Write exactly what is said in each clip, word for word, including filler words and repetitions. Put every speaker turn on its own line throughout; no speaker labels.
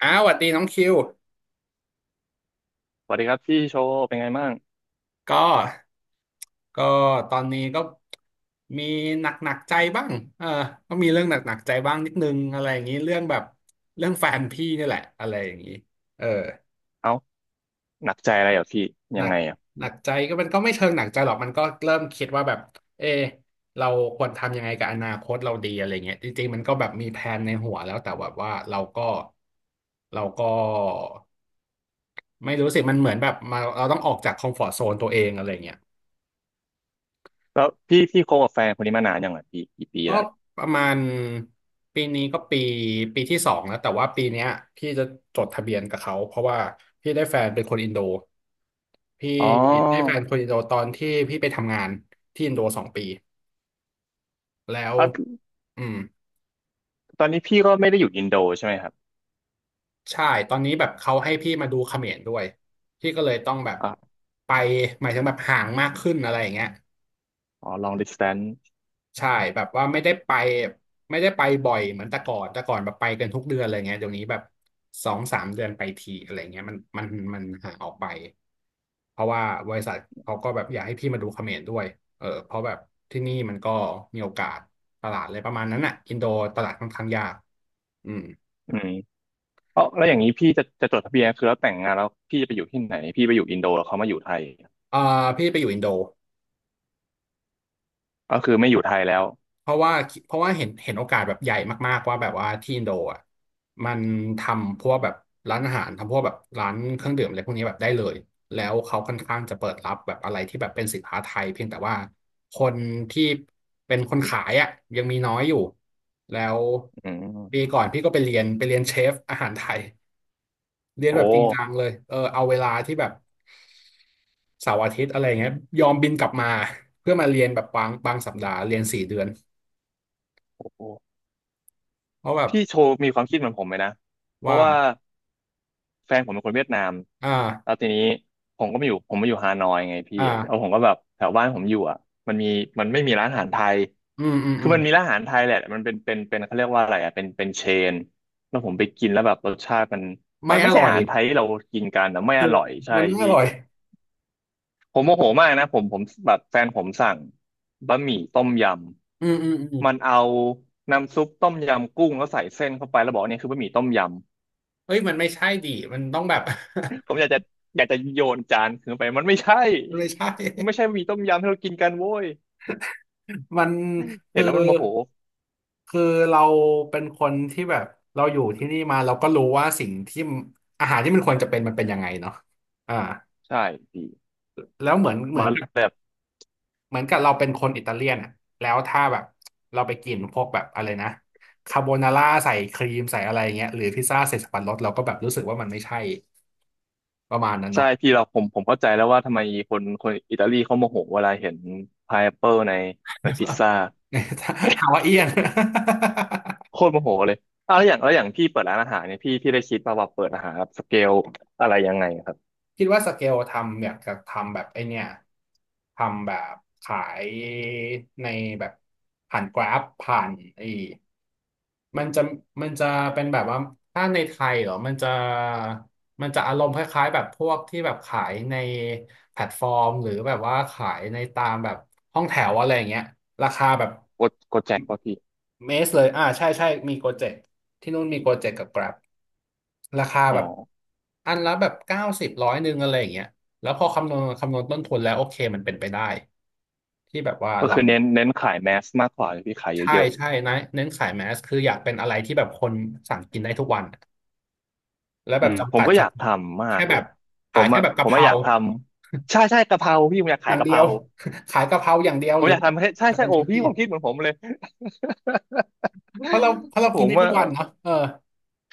อ้าวสวัสดีน้องคิว
สวัสดีครับพี่โชว์เป็นไงบ้าง
ก็ก็ตอนนี้ก็มีหนักหนักใจบ้างเออก็มีเรื่องหนักหนักใจบ้างนิดนึงอะไรอย่างนี้เรื่องแบบเรื่องแฟนพี่นี่แหละอะไรอย่างนี้เออ
เอ้าหนักใจอะไรเหรอพี่
ห
ยั
นั
ง
ก
ไงอ่ะ
หนักใจก็มันก็ไม่เชิงหนักใจหรอกมันก็เริ่มคิดว่าแบบเอเราควรทำยังไงกับอนาคตเราดีอะไรเงี้ยจริงๆมันก็แบบมีแผนในหัวแล้วแต่แบบว่าเราก็เราก็ไม่รู้สิมันเหมือนแบบมาเราต้องออกจากคอมฟอร์ z โซนตัวเองอะไรเงี้ย
แล้วพี่พี่คบกับแฟนคนนี้มานานยังไงพี่กี่ปี
ก็
แล้ว
ประมาณปีนี้ก็ปีปีที่สองแล้วแต่ว่าปีเนี้ยพี่จะจดทะเบียนกับเขาเพราะว่าพี่ได้แฟนเป็นคนอินโดพี่
อ๋
ได้แฟ
อ
นคนอินโดตอนที่พี่ไปทำงานที่อินโดสองปีแล้ว
อ่ะ
อืม
ตอนนี้พี่ก็ไม่ได้อยู่อินโดใช่ไหมครับ
ใช่ตอนนี้แบบเขาให้พี่มาดูเขมรด้วยพี่ก็เลยต้องแบบ
อ่ะ
ไปหมายถึงแบบห่างมากขึ้นอะไรอย่างเงี้ย
อ๋อ long distance
ใช่แบบว่าไม่ได้ไปไม่ได้ไปบ่อยเหมือนแต่ก่อนแต่ก่อนแบบไปกันทุกเดือนอะไรเงี้ยเดี๋ยวนี้แบบสองสามเดือนไปทีอะไรเงี้ยมันมันมันห่างออกไปเพราะว่าบริษัทเขาก็แบบอยากให้พี่มาดูเขมรด้วยเออเพราะแบบที่นี่มันก็มีโอกาสตลาดอะไรประมาณนั้นอ่ะอินโดตลาดค่อนข้างยากอืม
อืมเอ้าแล้วอย่างนี้พี่จะจะจดทะเบียนคือแล้วแต่งงานแล้วพี่จะไปอยู่ที่ไหนพี่ไปอยู่อินโดแล้วเขามาอยู่ไทย
เออพี่ไปอยู่อินโด
ก็คือไม่อยู่ไทยแล้ว
เพราะว่าเพราะว่าเห็นเห็นโอกาสแบบใหญ่มากๆว่าแบบว่าที่อินโดอ่ะมันทำพวกแบบร้านอาหารทำพวกแบบร้านเครื่องดื่มอะไรพวกนี้แบบได้เลยแล้วเขาค่อนข้างจะเปิดรับแบบอะไรที่แบบเป็นสินค้าไทยเพียงแต่ว่าคนที่เป็นคนขายอ่ะยังมีน้อยอยู่แล้ว
อื
ปี
ม
ก่อนพี่ก็ไปเรียนไปเรียนเชฟอาหารไทยเรียนแบ
โอ้
บจริงจังเลยเออเอาเวลาที่แบบเสาร์อาทิตย์อะไรเงี้ยยอมบินกลับมาเพื่อมาเรียนแบบบางบางสัปดาห์เรียนสี่เดือน
โอ้
เพราะแบบ
พี่โชว์มีความคิดเหมือนผมไหมนะเพ
ว่า
ราะว่า แฟนผมเป็นคนเวียดนาม
อ
แล้
่า
วทีนี้ผมก็มาอยู่ผมมาอยู่ฮานอยไงพี่แล้ว
อ่า
ผมก็แบบแถวบ้านผมอยู่อ่ะมันมีมันไม่มีร้านอาหารไทย
อืมอืม
คื
อื
อ
ม
มันมีร้านอาหารไทยแหละมันเป็นเป็นเป็นเขาเรียกว่าอะไรอ่ะเป็นเป็นเชนแล้วผมไปกินแล้วแบบรสชาติมันมั
ไม่
น
อ
ไม่ใช่
ร่อ
อา
ย
หารไทยที่เรากินกันนะไม่อ
ถูก
ร่อยใช่
มันไม่อ
พี่
ร่อย
ผมโมโหมากนะผมผมแบบแฟนผมสั่งบะหมี่ต้มย
อืมอืมอืม
ำมันเอาน้ำซุปต้มยำกุ้งแล้วใส่เส้นเข้าไปแล้วบอกเนี่ยคือบะหมี่ต้มยำ
เฮ้ยมันไม่ใช่ดิมันต้องแบบ
ผมอยากจะอยากจะโยนจานคืนไปมันไม่ใช่
มันไม่ใช่
มันไม่ใช่หมี่ต้มยำที่เรากินกันโว้ย
มัน
เห็
คื
น
อ
แล้วมันโมโห
คือเราเป็นคนที่แบบเราอยู่ที่นี่มาเราก็รู้ว่าสิ่งที่อาหารที่มันควรจะเป็นมันเป็นยังไงเนาะอ่า
ใช่พี่
แล้วเหมือนเหมือ
มา
นกับ
แบบ
เหมือนกับเราเป็นคนอิตาเลียนอ่ะแล้วถ้าแบบเราไปกินพวกแบบอะไรนะคาโบนาร่าใส่ครีมใส่อะไรเงี้ยหรือพิซซ่าใส่สับปะรดเราก็แบบรู้สึกว่ามันไม่ใช่ ประมาณนั้น
ใช่
เนาะ
พี่เราผมผมเข้าใจแล้วว่าทำไมคนคนอิตาลีเขาโมโหเวลาเห็นพายแอปเปิลในในพิซซ่า
ฮาวาเอียน
โคตรโมโหเลยอ่ะแล้วอย่างแล้วอย่างพี่เปิดร้านอาหารเนี่ยพี่พี่ได้คิดป่ะวว่าเปิดอาหารแบบสเกลอะไรยังไงครับ
คิดว่าสเกลทำอยากจะทำแบบไอเนี่ยทำแบบขายในแบบผ่านกราฟผ่านไอมันจะมันจะเป็นแบบว่าถ้าในไทยเหรอมันจะมันจะอารมณ์คล้ายๆแบบพวกที่แบบขายในแพลตฟอร์มหรือแบบว่าขายในตามแบบห้องแถวอะไรอย่างเงี้ยราคาแบบ
โกโกแจ็คป่ะพี่
เมสเลยอ่าใช่ใช่มีโกเจ็ตที่นู่นมีโกเจ็ตกับ Grab ราคา
อ๋อ
แบบอันละแบบเก้าสิบร้อยหนึ่งอะไรอย่างเงี้ยแล้วพอคำนวณคำนวณต้นทุนแล้วโอเคมันเป็นไปได้ที่แบบว่า
ก็
เรา
คือเน้นเน้นขายแมสมากกว่าเลยพี่ขาย
ใช่
เยอะ
ใช่นะเน้นขายแมสคืออยากเป็นอะไรที่แบบคนสั่งกินได้ทุกวันแล้ว
อื
แบบ
มผ
จำ
ม
กัด
ก็
เฉ
อยากท
พาะ
ำมา
แค่
ก
แบ
เล
บ
ยผ
ขาย
ม
แค่
อ่ะ
แบบ
ผ
กะ
ม
เพ
อ่ะ
รา
อยากทำใช่ใช่กะเพราพี่ผมอยาก
อ
ขาย
ย่าง
กะ
เดี
เพ
ย
รา
ว ขายกะเพราอย่างเดียว
ผ
ห
ม
รือ
อยาก
แบบ
ทำให้ใช่
จะ
ใช่
เป็น
โอ้
ชุด
พี่
ที่
ผมคิดเหมือนผมเลย
เพราะเราเพราะเรา
ผ
กิน
ม
ได้ทุก
อ่ะ
วันเนาะเออ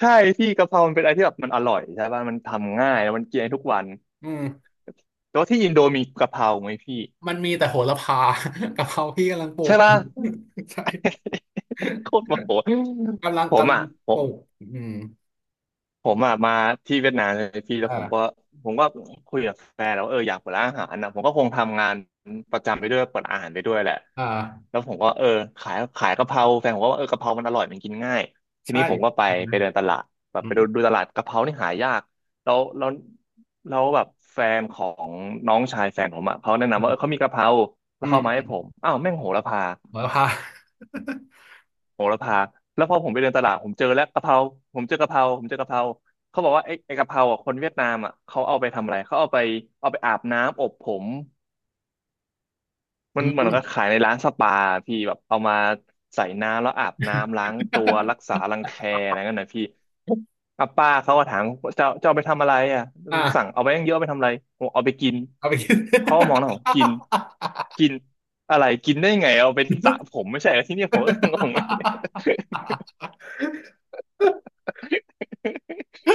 ใช่พี่กะเพรามันเป็นอะไรที่แบบมันอร่อยใช่ป่ะมันทำง่ายแล้วมันกินได้ทุกวัน
อืม
แต่ว่าที่อินโดมีกะเพราไหมพี่
มันมีแต่โหระพา กะเพราพี่กำลังปลู
ใช่
กอ
ป่ะ
ยู่ ใช่
โคตรโมโห
กำลัง
ผม
กำลั
อ่ะ
ง
ผ
ปลู
ม
กอืม
ผมอะมาที่เวียดนามเลยพี่แล้วผมก็
อ่า
ผมก็คุยกับแฟนแล้ววาเอออยากเปิดร้านอาหารนะผมก็คงทำงานประจำไปด้วยเปิดอาหารไปด้วยแหละ
อ่า
แล้วผมก็เออขายขายกะเพราแฟนผมก็ว่าเออกะเพรามันอร่อยมันกินง่ายที
ใช่
นี้ผมก็ไป
อื
ไป
ม
เดินตลาดแบบ
อื
ไป
ม
ดูดูตลาดกะเพรานี่หายากแล้วแล้วแล้วแบบแฟนของน้องชายแฟนผมอะเขาแนะ
อื
นำว่าเอ
ม
อเขามีกะเพราแล้
อื
วเขา
ม
เอามา
อื
ให้
ม
ผมอ้าวแม่งโหระพา
โหระพา
โหระพาแล้วพอผมไปเดินตลาดผมเจอแล้วกะเพราผมเจอกะเพราผมเจอกะเพราเขาบอกว่าไอ้ไอ้กะเพราอ่ะคนเวียดนามอ่ะเขาเอาไปทำอะไรเขาเอาไปเอาไปอาบน้ำอบผมมันเห มือ
อื
น
ม
ก็ขายในร้านสปาพี่แบบเอามาใส่น้ำแล้วอาบน้ำล้างตัวรักษารังแคอะไรเงี้ยนะพี่ อ่ะป้าเขาก็ถามเจ้าเจ้าเอาไปทำอะไรอ่ะ
อ
สั่งเอา
่า
ไปตั้งเยอะเอาไปทำอะไรผมเอาไปกิน
เอาไปกิน
เขาก็มองหน้าผมกินกินอะไรกินได้ไงเอาไปสระผ มไม่ใช่เหรอที่นี่ผมก็งง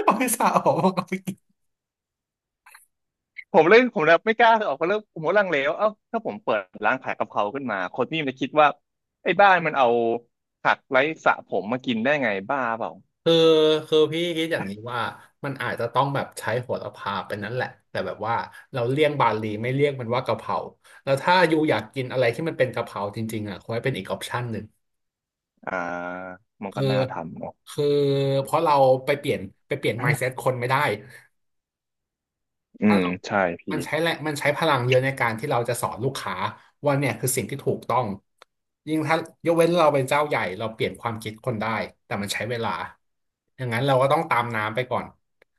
เอาไปสระผมเอาไปกิน
ผมเลยผมเลยไม่กล้าออกเพราะเริ่มผมก็ลังเลว่าเอ้าถ้าผมเปิดร้านขายกะเพราขึ้นมาคนนี่มันจะคิดว่าไอ้บ้านมันเอาผักไร้สระผมมากินได้ไงบ้าเปล่า
คือคือพี่คิดอย่างนี้ว่ามันอาจจะต้องแบบใช้โหระพาเป็นนั้นแหละแต่แบบว่าเราเลี่ยงบาลีไม่เรียกมันว่ากะเพราแล้วถ้าอยู่อยากกินอะไรที่มันเป็นกะเพราจริงๆอ่ะคอยเป็นอีกออปชันหนึ่ง
อ่ามัน
คื
ก็
อ
น่าทำเนาะ
คือเพราะเราไปเปลี่ยนไปเปลี่ยน mindset คนไม่ได้
อื
ถ้า
ม
เรา
ใช่พี่
มันใช้แรงมันใช้พลังเยอะในการที่เราจะสอนลูกค้าว่าเนี่ยคือสิ่งที่ถูกต้องยิ่งถ้ายกเว้นเราเป็นเจ้าใหญ่เราเปลี่ยนความคิดคนได้ แต่มันใช้เวลาอย่างนั้นเราก็ต้องตามน้ำไปก่อน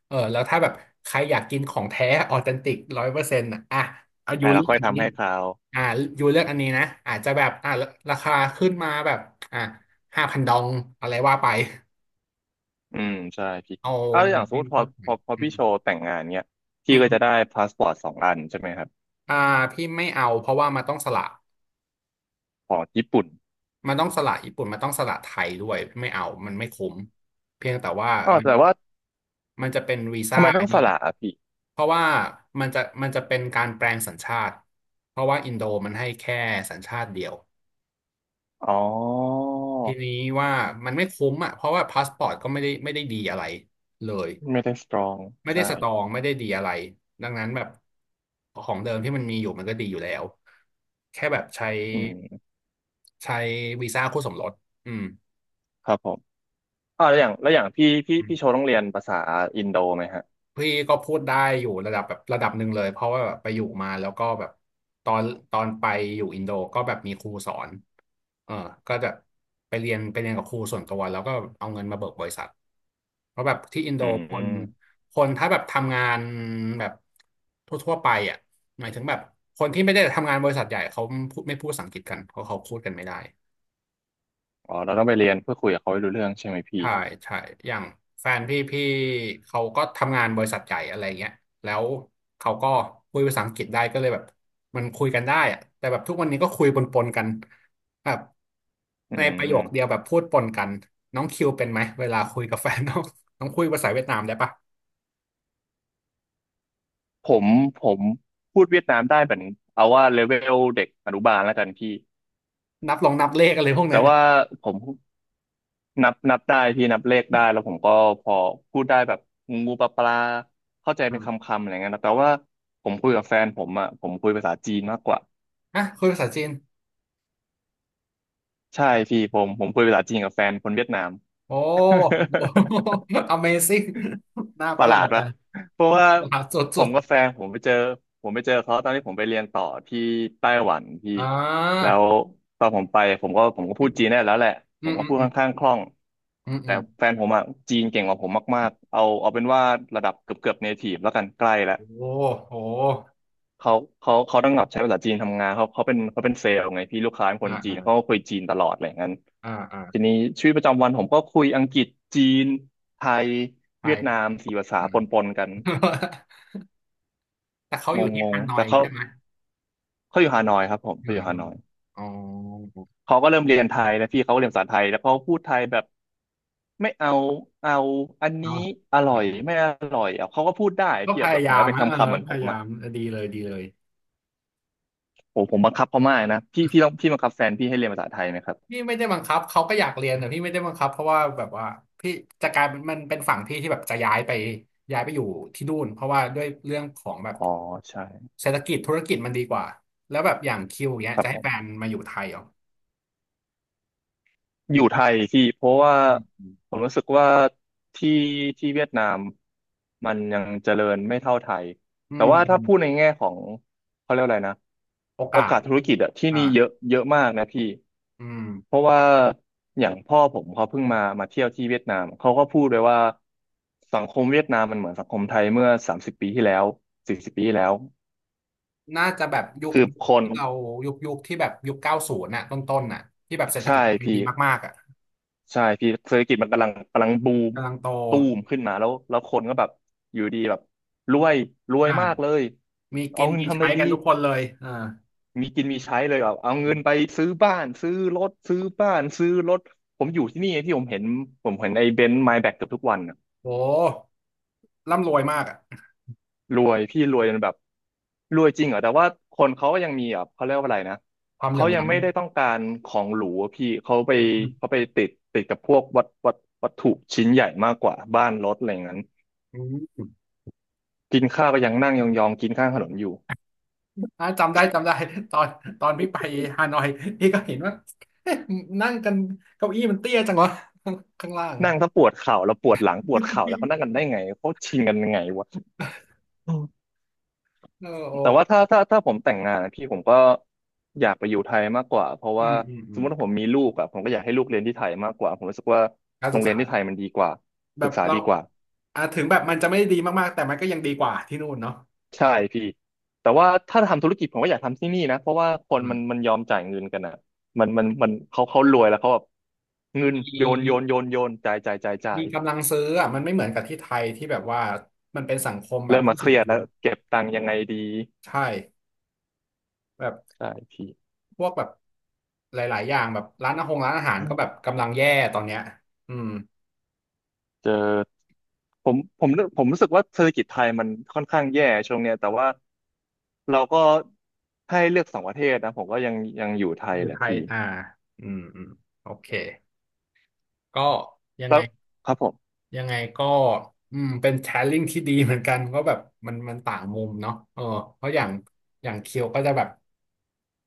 เออ แล้วถ้าแบบใครอยากกินของแท้ออเทนติกร้อยเปอร์เซ็นต์อ่ะเอายู
อ่ะเรา
เลือก
ค่อย
อัน
ทำ
นี้
ให้เขา
อ่ายูเลือกอันนี้นะอาจจะแบบอ่าราคาขึ้นมาแบบอ่าห้าพันดองอะไรว่าไป
อืมใช่พี่
เอา
เอาอ
มั
ย่า
น
งสม
เป็
ม
น
ติพอ
เพิ่มไป
พอพอ
อื
พี่
ม
โชว์แต่งงานเนี้ย
อื
พี่
ม
ก็
อ
จะได้พาสปอร์ตสองอันใช่ไหมครับ
่าพี่ไม่เอาเพราะว่ามันต้องสละ
ของญี่ปุ่น
มันต้องสละญี่ปุ่นมันต้องสละไทยด้วยไม่เอา มันไม่คุ้มเพียงแต่ว่า
อ๋อ
มัน
แต่ว่า
มันจะเป็นวีซ่า
ทำไมต้
ไอ้
องส
นี่
ละอ่ะพี่
เพราะว่ามันจะมันจะเป็นการแปลงสัญชาติเพราะว่าอินโดมันให้แค่สัญชาติเดียว
อ๋อ
ทีนี้ว่ามันไม่คุ้มอ่ะเพราะว่าพาสปอร์ตก็ไม่ได้ไม่ได้ดีอะไรเลย
ไม่ได้สตรอง
ไม่ได้
ใช่
สตรองไม่ได้ดีอะไรดังนั้นแบบของเดิมที่มันมีอยู่มันก็ดีอยู่แล้วแค่แบบใช้
อืม
ใช้วีซ่าคู่สมรสอืม
ครับผม อ่าแล้วอย่างแล้วอย่างพี่พี่พี่โชว์ต้องเรียนภาษาอินโดไหมฮะ
พี่ก็พูดได้อยู่ระดับแบบระดับหนึ่งเลยเพราะว่าแบบไปอยู่มาแล้วก็แบบตอนตอนไปอยู่อินโดก็แบบมีครูสอนเออก็จะไปเรียนไปเรียนกับครูส่วนตัวแล้วก็เอาเงินมาเบิกบริษัทเพราะแบบที่อินโด
อื
คน
ม
คนถ้าแบบทำงานแบบทั่วๆไปอ่ะหมายถึงแบบคนที่ไม่ได้ทำงานบริษัทใหญ่เขาไม่พูดไม่พูดภาษาอังกฤษกันเพราะเขาพูดกันไม่ได้
อ๋อเราต้องไปเรียนเพื่อคุยกับเขาให้รู้เรื่องใช่ไหมพี่
ใช่ใช่ อย่างแฟนพี่พี่เขาก็ทำงานบริษัทใหญ่อะไรเงี้ยแล้วเขาก็คุยภาษาอังกฤษได้ก็เลยแบบมันคุยกันได้อะแต่แบบทุกวันนี้ก็คุยปนๆกันแบบ
อื
ในประโยคเดียว
ม
แบบพูดปนกันน้องคิวเป็นไหมเวลาคุยกับแฟนน้อง น้องคุยภาษาเวียดนามได้ปะ
ผมผมพูดเวียดนามได้เหมือนเอาว่าเลเวลเด็กอนุบาลแล้วกันพี่
นับลองนับเลขอะไรพวก
แต่
นั้นเนี่ย
ว่าผมนับนับได้พี่นับเลขได้แล้วผมก็พอพูดได้แบบงูปลาปลาเข้าใจเป็นค
อ่า
ำๆอะไรเงี้ยนะแต่ว่าผมคุยกับแฟนผมอ่ะผมคุยภาษาจีนมากกว่า
อ่ะคุยภาษาจีน
ใช่พี่ผมผมคุยภาษาจีนกับแฟนคนเวียดนาม
โอ้โห อะเมซิ่ง น่า
ป
ประ
ระห
ห
ลา
ลา
ด
ดใจ
วะเพราะว่า
ประหลา ดส
ผ
ุ
ม
ด
กับแฟนผมไปเจอผมไปเจอเขาตอนที่ผมไปเรียนต่อที่ไต้หวันพี่
ๆอ่
แล้
า
วตอนผมไปผมก็ผมก็พูดจีนได้แล้วแหละ
อื
ผม
ม
ก็
อืม
พูด
อื
ค่
ม
อนข้างคล่อง
อืมอื
แต่
ม
แฟนผมอะจีนเก่งกว่าผมมากๆเอาเอาเป็นว่าระดับเกือบเกือบเนทีฟแล้วกันใกล้แล้ว
โอ้โห
เขาเขาเขาต้องแบบใช้ภาษาจีนทำงานเขาเขาเป็นเขาเป็นเซลล์ไงพี่ลูกค้าเป็นคน
อ่า
จี
อ่า
นเขาก็คุยจีนตลอดอะไรอย่างนั้น
อ่าอ่า
ทีนี้ชีวิตประจำวันผมก็คุยอังกฤษจีนไทย
ไป
เวียดนามสี่ภาษา
อ่า
ปนๆกัน
แต่เขา
ง
อยู่ที่
งง
ฮานอ
แต่
ย
เขา
ใช่ไหม
เขาอยู่ฮานอยครับผม
อ
เขา
ยู่
อยู่
ฮา
ฮา
น
น
อย
อย
อ๋อ
เขาก็เริ่มเรียนไทยแล้วพี่เขาก็เรียนภาษาไทยแล้วเขาพูดไทยแบบไม่เอาเอาอัน
เอา
นี้อร่
อื
อยไม่
ม
อร่อยอ่ะเขาก็พูดได้
ก็
พี่
พ
อะแบ
ยา
บเห
ยา
มือนกั
ม
บเป็น
นะ
ค
เออ
ำๆเหมือน
พ
ผ
ยา
ม
ยา
อ่ะ
มดีเลยดีเลย
โอ้ผมบังคับเขามากนะพี่พี่ต้องพี่บังคับแฟนพี่ให้เรียนภาษาไทยไหมครั
พี่
บ
ไม่ได้บังคับเขาก็อยากเรียนแต่พี่ไม่ได้บังคับเพราะว่าแบบว่าพี่จะกลายเป็นมันเป็นฝั่งพี่ที่แบบจะย้ายไปย้ายไปอยู่ที่นู่นเพราะว่าด้วยเรื่องของแบบ
อ๋อใช่
เศรษฐกิจธุรกิจมันดีกว่าแล้วแบบอย่างคิวเนี้ย
ครั
จะ
บผ
ให้แฟน
ม
มาอยู่ไทยเหรอ
อยู่ไทยพี่เพราะว่า
อืม
ผมรู้สึกว่าที่ที่เวียดนามมันยังเจริญไม่เท่าไทย
อื
แต่
ม
ว่า
อื
ถ้า
ม
พูดในแง่ของเขาเรียกอะไรนะ
โอ
โอ
กา
กา
ส
สธุรกิจอะที่
อ่า
นี่เยอะเยอะมากนะพี่
อืม
เพราะว่าอย่างพ่อผมเขาเพิ่งมามาเที่ยวที่เวียดนามเขาก็พูดเลยว่าสังคมเวียดนามมันเหมือนสังคมไทยเมื่อสามสิบปีที่แล้วสี่สิบปีที่แล้ว
น่าจะแบบยุค
คือคน
ที่เรายุคยุคที่แบบยุคเก้าศูนย์น่ะต้นต้นน่ะที่แบบเศรษฐกิ
ใช่
จไทยดี
พี่
มากๆอ่ะ
ใช่พี่เศรษฐกิจมันกำลังกำลังบูม
กำลังโต
ตูมขึ้นมาแล้วแล้วคนก็แบบอยู่ดีแบบรวยรวย
อ่า
มากเลย
มีกิ
เอา
น
เงิน
มี
ทำอะ
ใช้
ไรดี
กันทุกคนเลยอ่า
มีกินมีใช้เลยแบบเอาเงินไปซื้อบ้านซื้อรถซื้อบ้านซื้อรถผมอยู่ที่นี่ไงพี่ผมเห็นผมเห็นไอ้เบนซ์ไมแบ็กเกือบทุกวันนะ
โหร่ำรวยมากอ่ะ
รวยพี่รวยจนแบบรวยจริงเหรอแต่ว่าคนเขาก็ยังมีอ่ะเขาเรียกว่าอะไรนะ
ความเหลื่
เขา
อม
ยัง
ล้ำ
ไม่ได้ต้องการของหรูอะพี่เขาไป
อื
เขา
ม
ไปติดติดกับพวกวัตวัตวัตถุชิ้นใหญ่มากกว่าบ้านรถอะไรอย่างนั้น
อืม
กินข้าวก็ยังนั่งยองๆกินข้างถนนอยู่
อ่าจำได้จำได้ ตอนตอนพี่ไปฮานอยพี่ก็เห็นว่าเอ๊ะนั่งกันเก้าอี้มันเตี้ยจังวะ ข้างล่าง
นั่งถ้าปวดเข่าแล้วปวดหลังปวดเข่าแล้วเขานั่งกันได้ไงเขาชิงกันยังไงวะอืม
เออโอ
แต่ว่าถ้าถ้าถ้าผมแต่งงานอะพี่ผมก็อยากไปอยู่ไทยมากกว่าเพราะ
อื
ว่า
มอืมอื
สม
ม
มติว่าผมมีลูกอะผมก็อยากให้ลูกเรียนที่ไทยมากกว่าผมรู้สึกว่า
การ
โร
ศึ
ง
ก
เรี
ษา
ยนที่ไทยมันดีกว่า
แบ
ศึ
บ
กษา
เรา
ดีกว่า
อ่าถึงแบบมันจะไม่ได้ดีมากๆแต่มันก็ยังดีกว่าที่นู่นเนาะ
ใช่พี่แต่ว่าถ้าทำธุรกิจผมก็อยากทำที่นี่นะเพราะว่าคน
อืม
มันมันยอมจ่ายเงินกันอะมันมันมันเขาเขารวยแล้วเขาแบบ
ม
เงิน
ี
โยนโยนโยนโยนจ่ายจ่ายจ่ายจ่า
มี
ย
กำลังซื้ออ่ะมันไม่เหมือนกับที่ไทยที่แบบว่ามันเป็นสังคมแบบ
เริ่ม
ผู้
มาเค
สูง
รียด
อายุ
แล้วเก็บตังค์ยังไงดี
ใช่แบบ
ใช่พี่
พวกแบบหลายๆอย่างแบบร้านอาหงร้านอาหารก็แบบกำลังแย่ตอนเนี้ยอืม
เจอผมผมผมรู้สึกว่าเศรษฐกิจไทยมันค่อนข้างแย่ช่วงเนี้ยแต่ว่าเราก็ให้เลือกสองประเทศนะผมก็ยังยังอยู่ไท
อ
ย
ยู่
แหละ
ไทย
พี่
อ่าอืมอืมโอเคก็ยังไง
แล้วครับผม
ยังไงก็อืมเป็นแชร์ลิงที่ดีเหมือนกันก็แบบมันมันต่างมุมเนาะเออเพราะอย่างอย่างเคียวก็จะแบบ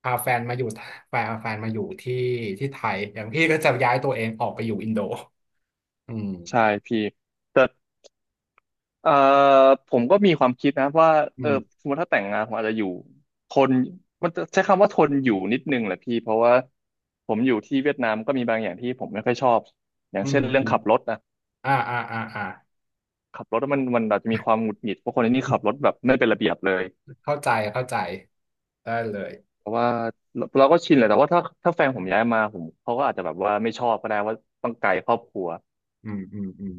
พาแฟนมาอยู่แฟนแฟนมาอยู่ที่ที่ไทยอย่างพี่ก็จะย้ายตัวเองออกไปอยู่อินโดอืม
ใช่พี่แต่เอ่อผมก็มีความคิดนะว่า
อื
เออ
ม
สมมติถ้าแต่งงานผมอาจจะอยู่ทนมันจะใช้คำว่าทนอยู่นิดนึงแหละพี่เพราะว่าผมอยู่ที่เวียดนามก็มีบางอย่างที่ผมไม่ค่อยชอบอย่า
อื
ง
ม
เช่นเรื่อ
อื
ง
ม
ขับรถนะ
อ่าอ่าอ่าอ่า
ขับรถมันมันอาจจะมีความหงุดหงิดเพราะคนที่นี่ขับรถ แบบไม่เป็นระเบียบเลย
เข้าใจเข้าใจได้เลย
เพราะว่าเราเราก็ชินแหละแต่ว่าถ้าถ้าแฟนผมย้ายมาผมเขาก็อาจจะแบบว่าไม่ชอบก็ได้ว่าต้องไกลครอบครัว
อืมอืมอืม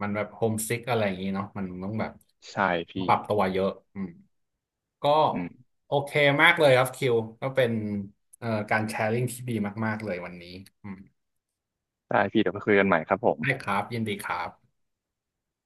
มันแบบโฮมซิกอะไรอย่างนี้เนาะมันต้องแบบ
ใช่
ป
พี่
รับตัวเยอะอืม ก็
อืม
โอเคมากเลยครับคิวก็เป็นเอ่อการแชร์ลิงที่ดีมากๆเลยวันนี้อืม
ได้พี่เดี๋ยวไปคุยกันใหม่ครับผม
ได้ครับยินดีครับ